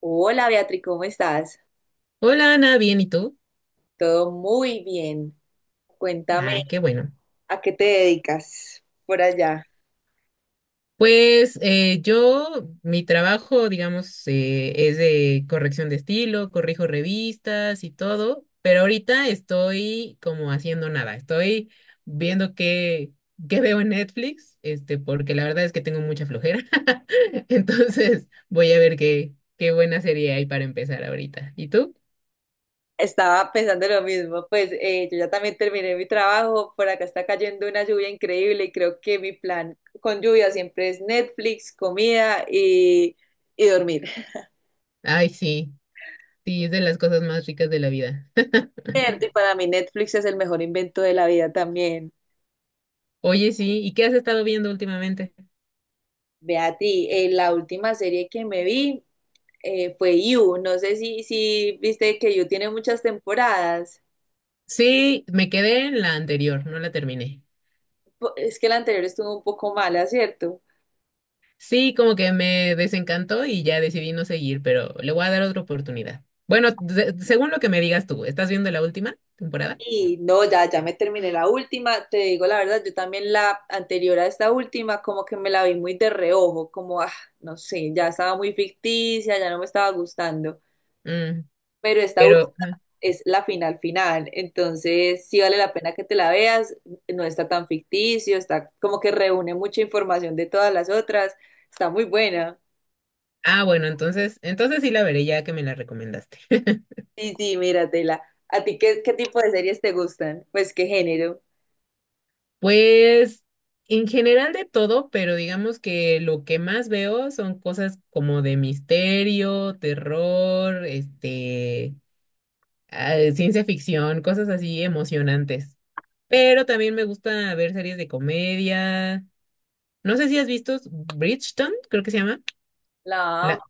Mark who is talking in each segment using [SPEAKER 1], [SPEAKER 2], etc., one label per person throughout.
[SPEAKER 1] Hola Beatriz, ¿cómo estás?
[SPEAKER 2] Hola Ana, bien, ¿y tú?
[SPEAKER 1] Todo muy bien. Cuéntame,
[SPEAKER 2] Ah, qué bueno.
[SPEAKER 1] ¿a qué te dedicas por allá?
[SPEAKER 2] Pues yo, mi trabajo, digamos, es de corrección de estilo, corrijo revistas y todo, pero ahorita estoy como haciendo nada, estoy viendo qué veo en Netflix, este, porque la verdad es que tengo mucha flojera. Entonces voy a ver qué buena serie hay para empezar ahorita. ¿Y tú?
[SPEAKER 1] Estaba pensando lo mismo, pues yo ya también terminé mi trabajo, por acá está cayendo una lluvia increíble y creo que mi plan con lluvia siempre es Netflix, comida y dormir.
[SPEAKER 2] Ay, sí, sí, es de las cosas más ricas de la vida.
[SPEAKER 1] Cierto, y para mí Netflix es el mejor invento de la vida también.
[SPEAKER 2] Oye, sí, ¿y qué has estado viendo últimamente?
[SPEAKER 1] Beatriz, la última serie que me vi fue You, no sé si viste que You tiene muchas temporadas.
[SPEAKER 2] Sí, me quedé en la anterior, no la terminé.
[SPEAKER 1] Es que la anterior estuvo un poco mala, ¿cierto?
[SPEAKER 2] Sí, como que me desencantó y ya decidí no seguir, pero le voy a dar otra oportunidad. Bueno, según lo que me digas tú, ¿estás viendo la última temporada?
[SPEAKER 1] No, ya me terminé la última. Te digo la verdad, yo también la anterior a esta última, como que me la vi muy de reojo, como, no sé, ya estaba muy ficticia, ya no me estaba gustando.
[SPEAKER 2] Mm,
[SPEAKER 1] Pero esta última
[SPEAKER 2] pero, ajá.
[SPEAKER 1] es la final final, entonces sí vale la pena que te la veas, no está tan ficticio, está como que reúne mucha información de todas las otras, está muy buena.
[SPEAKER 2] Ah, bueno, entonces sí la veré ya que me la recomendaste.
[SPEAKER 1] Sí, sí, míratela. ¿A ti qué tipo de series te gustan? Pues qué género.
[SPEAKER 2] Pues en general de todo, pero digamos que lo que más veo son cosas como de misterio, terror, este, ah, ciencia ficción, cosas así emocionantes. Pero también me gusta ver series de comedia. No sé si has visto Bridgerton, creo que se llama.
[SPEAKER 1] La...
[SPEAKER 2] La...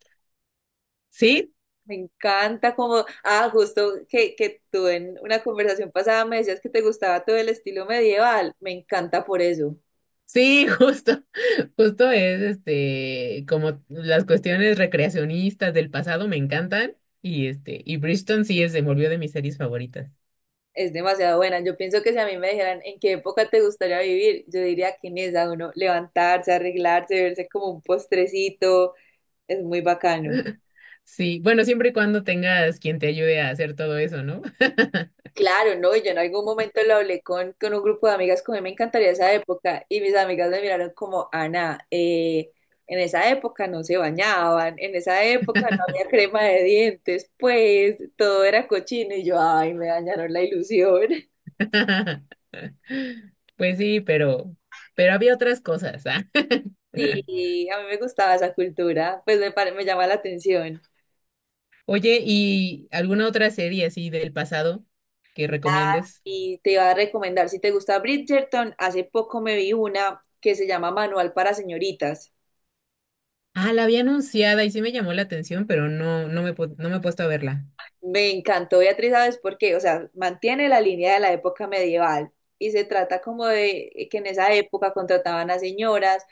[SPEAKER 2] Sí,
[SPEAKER 1] Me encanta como, justo que tú en una conversación pasada me decías que te gustaba todo el estilo medieval. Me encanta por eso.
[SPEAKER 2] sí, justo. Justo es este, como las cuestiones recreacionistas del pasado me encantan. Y este, y Bridgerton sí es, se volvió de mis series favoritas.
[SPEAKER 1] Es demasiado buena. Yo pienso que si a mí me dijeran en qué época te gustaría vivir, yo diría que en esa, uno levantarse, arreglarse, verse como un postrecito, es muy bacano.
[SPEAKER 2] Sí, bueno, siempre y cuando tengas quien te ayude a hacer todo eso, ¿no?
[SPEAKER 1] Claro, no, yo en algún momento lo hablé con un grupo de amigas que a mí me encantaría esa época y mis amigas me miraron como, Ana, en esa época no se bañaban, en esa época no había crema de dientes, pues todo era cochino y yo, ay, me dañaron la ilusión.
[SPEAKER 2] Pues sí, pero había otras cosas, ¿ah?
[SPEAKER 1] Sí, a mí me gustaba esa cultura, pues me llama la atención.
[SPEAKER 2] Oye, ¿y alguna otra serie así del pasado que recomiendes?
[SPEAKER 1] Y te iba a recomendar, si te gusta Bridgerton, hace poco me vi una que se llama Manual para Señoritas.
[SPEAKER 2] Ah, la había anunciada y sí me llamó la atención, pero no me, no me he puesto a verla.
[SPEAKER 1] Me encantó, Beatriz, ¿sabes por qué? O sea, mantiene la línea de la época medieval y se trata como de que en esa época contrataban a señoras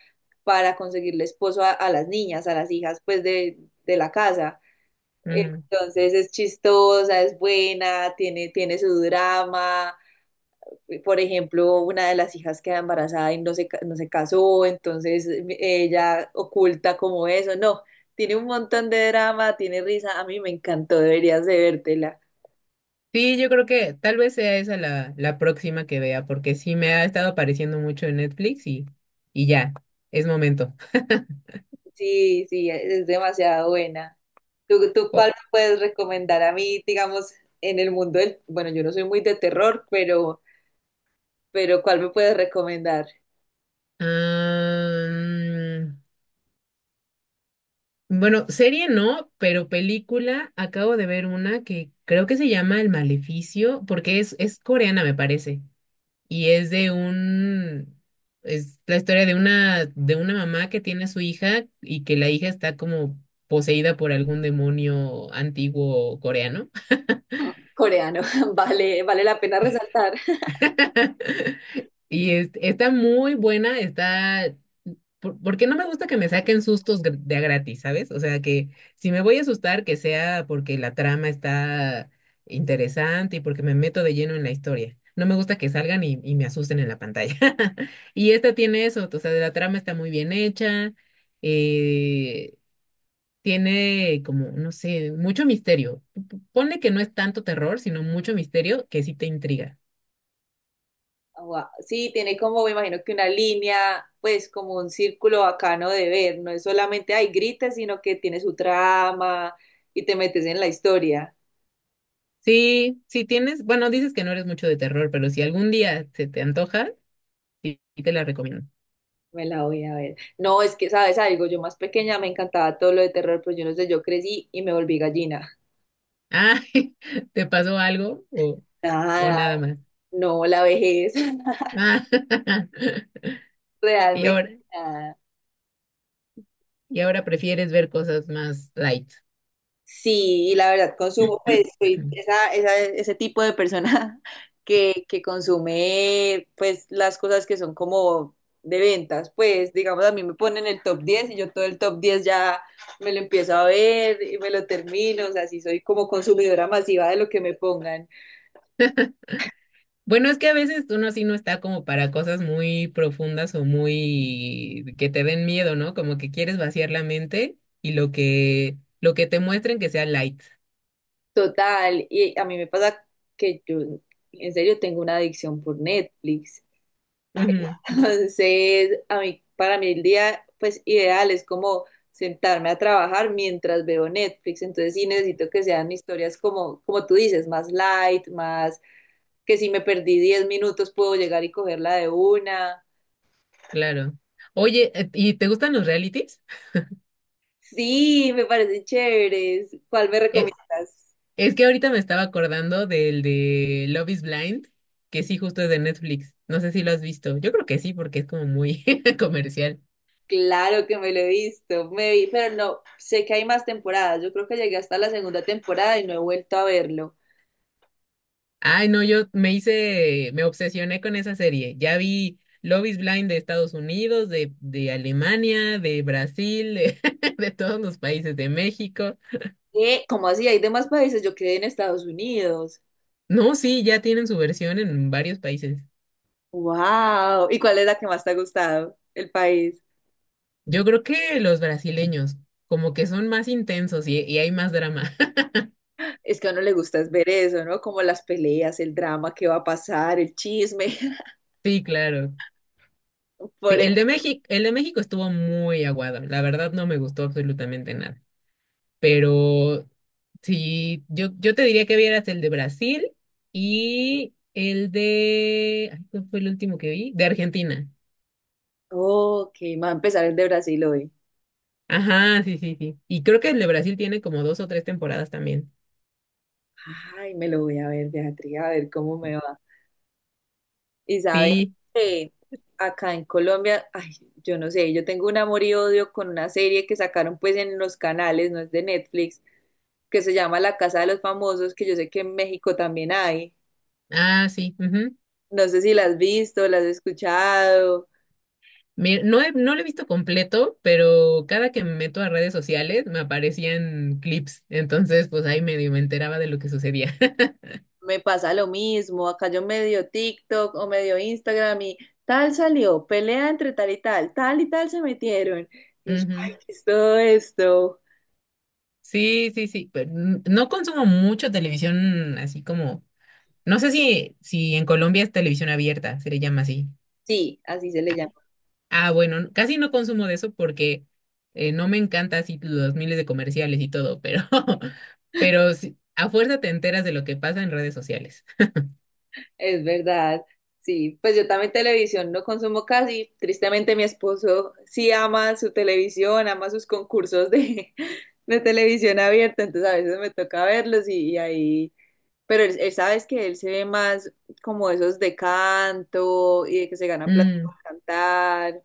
[SPEAKER 1] para conseguirle esposo a las niñas, a las hijas, pues de la casa.
[SPEAKER 2] Ujú.
[SPEAKER 1] Entonces es chistosa, es buena, tiene su drama. Por ejemplo, una de las hijas queda embarazada y no se, no se casó, entonces ella oculta como eso. No, tiene un montón de drama, tiene risa. A mí me encantó, deberías de vértela.
[SPEAKER 2] Sí, yo creo que tal vez sea esa la próxima que vea, porque sí me ha estado apareciendo mucho en Netflix y ya, es momento.
[SPEAKER 1] Sí, sí, es demasiado buena. ¿Tú, tú cuál
[SPEAKER 2] O-
[SPEAKER 1] me puedes recomendar a mí, digamos, en el mundo del... Bueno, yo no soy muy de terror, pero ¿cuál me puedes recomendar?
[SPEAKER 2] Am, bueno, serie no, pero película, acabo de ver una que creo que se llama El Maleficio, porque es coreana, me parece. Y es es la historia de una mamá que tiene a su hija y que la hija está como poseída por algún demonio antiguo coreano.
[SPEAKER 1] Mm, coreano, vale, vale la pena resaltar.
[SPEAKER 2] Y está muy buena, está... Porque no me gusta que me saquen sustos de a gratis, ¿sabes? O sea, que si me voy a asustar, que sea porque la trama está interesante y porque me meto de lleno en la historia. No me gusta que salgan y me asusten en la pantalla. Y esta tiene eso, o sea, la trama está muy bien hecha, eh, tiene como, no sé, mucho misterio. Ponle que no es tanto terror, sino mucho misterio que sí te intriga.
[SPEAKER 1] Wow, sí, tiene como, me imagino que una línea, pues como un círculo bacano de ver, no es solamente, ay, grites, sino que tiene su trama y te metes en la historia.
[SPEAKER 2] Sí, si tienes, bueno, dices que no eres mucho de terror, pero si algún día se te antoja, sí sí te la recomiendo.
[SPEAKER 1] Me la voy a ver. No, es que, ¿sabes algo? Yo más pequeña me encantaba todo lo de terror, pero yo no sé, yo crecí y me volví gallina.
[SPEAKER 2] Ah, ¿te pasó algo o
[SPEAKER 1] Nada,
[SPEAKER 2] nada más?
[SPEAKER 1] no, la vejez,
[SPEAKER 2] Ah, y
[SPEAKER 1] realmente
[SPEAKER 2] ahora,
[SPEAKER 1] nada.
[SPEAKER 2] y ahora prefieres ver cosas más light.
[SPEAKER 1] Sí, y la verdad, consumo, pues soy ese tipo de persona que consume, pues, las cosas que son como de ventas. Pues, digamos, a mí me ponen el top 10 y yo todo el top 10 ya me lo empiezo a ver y me lo termino. O sea, sí soy como consumidora masiva de lo que me pongan.
[SPEAKER 2] Bueno, es que a veces uno así no está como para cosas muy profundas o muy que te den miedo, ¿no? Como que quieres vaciar la mente y lo que te muestren que sea light.
[SPEAKER 1] Total, y a mí me pasa que yo en serio tengo una adicción por Netflix.
[SPEAKER 2] Ujú,
[SPEAKER 1] Entonces, a mí, para mí el día pues ideal es como sentarme a trabajar mientras veo Netflix. Entonces sí necesito que sean historias como, como tú dices, más light, más que si me perdí 10 minutos puedo llegar y cogerla de una.
[SPEAKER 2] claro. Oye, ¿y te gustan los realities?
[SPEAKER 1] Sí, me parecen chéveres. ¿Cuál me
[SPEAKER 2] Eh,
[SPEAKER 1] recomiendas?
[SPEAKER 2] Es que ahorita me estaba acordando del de Love is Blind, que sí, justo es de Netflix. No sé si lo has visto. Yo creo que sí, porque es como muy comercial.
[SPEAKER 1] Claro que me lo he visto, me vi, pero no, sé que hay más temporadas. Yo creo que llegué hasta la segunda temporada y no he vuelto a verlo.
[SPEAKER 2] Ay, no, me obsesioné con esa serie. Ya vi Love is Blind de Estados Unidos, de Alemania, de Brasil, de, de todos los países, de México.
[SPEAKER 1] ¿Qué? ¿Cómo así? Hay demás países. Yo quedé en Estados Unidos.
[SPEAKER 2] No, sí, ya tienen su versión en varios países.
[SPEAKER 1] ¡Wow! ¿Y cuál es la que más te ha gustado? El país.
[SPEAKER 2] Yo creo que los brasileños, como que son más intensos y hay más drama.
[SPEAKER 1] Es que a uno le gusta es ver eso, ¿no? Como las peleas, el drama que va a pasar, el chisme.
[SPEAKER 2] Sí, claro. Sí,
[SPEAKER 1] Por eso.
[SPEAKER 2] el de México estuvo muy aguado. La verdad no me gustó absolutamente nada. Pero sí, yo te diría que vieras el de Brasil y el de... ay, ¿cuál fue el último que vi? De Argentina.
[SPEAKER 1] Ok, me va a empezar el de Brasil hoy.
[SPEAKER 2] Ajá, sí, sí, sí. Y creo que el de Brasil tiene como dos o tres temporadas también.
[SPEAKER 1] Ay, me lo voy a ver, Beatriz, a ver cómo me va. Y sabes
[SPEAKER 2] Sí.
[SPEAKER 1] que acá en Colombia, ay, yo no sé, yo tengo un amor y odio con una serie que sacaron pues en los canales, no es de Netflix, que se llama La Casa de los Famosos, que yo sé que en México también hay.
[SPEAKER 2] Ah, sí, ujú.
[SPEAKER 1] No sé si la has visto, la has escuchado.
[SPEAKER 2] No lo he visto completo, pero cada que me meto a redes sociales me aparecían clips. Entonces, pues ahí medio me enteraba de lo que sucedía.
[SPEAKER 1] Me pasa lo mismo, acá yo medio TikTok o medio Instagram y tal salió, pelea entre tal y tal se metieron. Y yo,
[SPEAKER 2] Ujú.
[SPEAKER 1] ay, ¿qué es todo esto?
[SPEAKER 2] Sí, sí, sí, pero no consumo mucho televisión así como. No sé si en Colombia es televisión abierta, se le llama así.
[SPEAKER 1] Sí, así se le llama.
[SPEAKER 2] Ah, bueno, casi no consumo de eso porque no me encanta así los miles de comerciales y todo, pero, pero sí, a fuerza te enteras de lo que pasa en redes sociales.
[SPEAKER 1] Es verdad, sí, pues yo también televisión no consumo casi, tristemente mi esposo sí ama su televisión, ama sus concursos de, de televisión abierta, entonces a veces me toca verlos y ahí, pero él sabes que él se ve más como esos de canto y de que se ganan plata por
[SPEAKER 2] Mm,
[SPEAKER 1] cantar,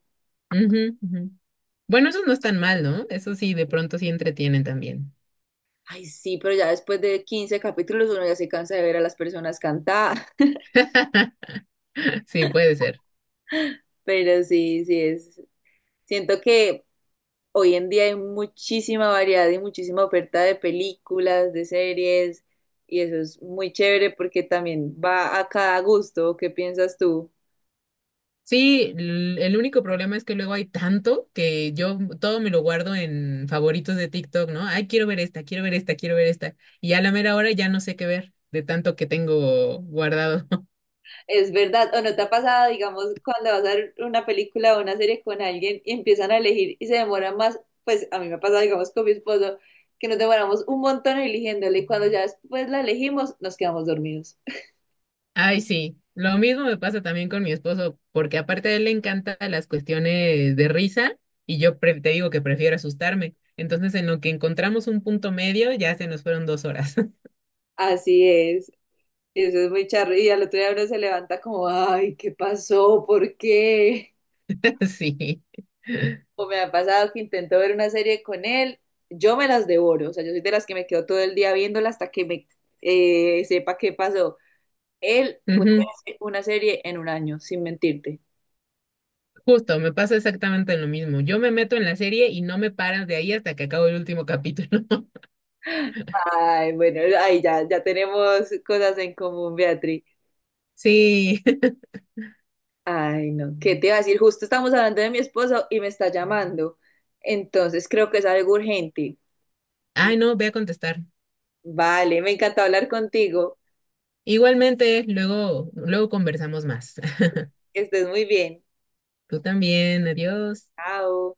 [SPEAKER 2] ujú, ujú. Bueno, esos no están mal, ¿no? Eso sí, de pronto sí entretienen también.
[SPEAKER 1] ay sí, pero ya después de 15 capítulos uno ya se cansa de ver a las personas cantar,
[SPEAKER 2] Sí, puede ser.
[SPEAKER 1] pero sí, sí es, siento que hoy en día hay muchísima variedad y muchísima oferta de películas, de series, y eso es muy chévere porque también va a cada gusto. ¿Qué piensas tú?
[SPEAKER 2] Sí, el único problema es que luego hay tanto que yo todo me lo guardo en favoritos de TikTok, ¿no? Ay, quiero ver esta, quiero ver esta, quiero ver esta. Y a la mera hora ya no sé qué ver de tanto que tengo guardado.
[SPEAKER 1] Es verdad, ¿o no te ha pasado, digamos, cuando vas a ver una película o una serie con alguien y empiezan a elegir y se demoran más? Pues a mí me ha pasado, digamos, con mi esposo, que nos demoramos un montón eligiéndole y cuando ya después la elegimos, nos quedamos dormidos.
[SPEAKER 2] Ay, sí. Lo mismo me pasa también con mi esposo, porque aparte a él le encantan las cuestiones de risa y yo te digo que prefiero asustarme. Entonces, en lo que encontramos un punto medio, ya se nos fueron 2 horas.
[SPEAKER 1] Así es. Eso es muy charro. Y al otro día uno se levanta como, ay, ¿qué pasó? ¿Por qué?
[SPEAKER 2] Sí.
[SPEAKER 1] O me ha pasado que intento ver una serie con él, yo me las devoro, o sea, yo soy de las que me quedo todo el día viéndola hasta que me sepa qué pasó. Él puede
[SPEAKER 2] Ujú.
[SPEAKER 1] ver una serie en un año, sin mentirte.
[SPEAKER 2] Justo, me pasa exactamente lo mismo. Yo me meto en la serie y no me paran de ahí hasta que acabo el último capítulo.
[SPEAKER 1] Ay, bueno, ay, ya tenemos cosas en común, Beatriz.
[SPEAKER 2] Sí.
[SPEAKER 1] Ay, no, ¿qué te iba a decir? Justo estamos hablando de mi esposo y me está llamando. Entonces creo que es algo urgente.
[SPEAKER 2] Ay, no, voy a contestar.
[SPEAKER 1] Vale, me encantó hablar contigo.
[SPEAKER 2] Igualmente, luego, luego conversamos más.
[SPEAKER 1] Que estés muy bien.
[SPEAKER 2] Tú también, adiós.
[SPEAKER 1] Chao.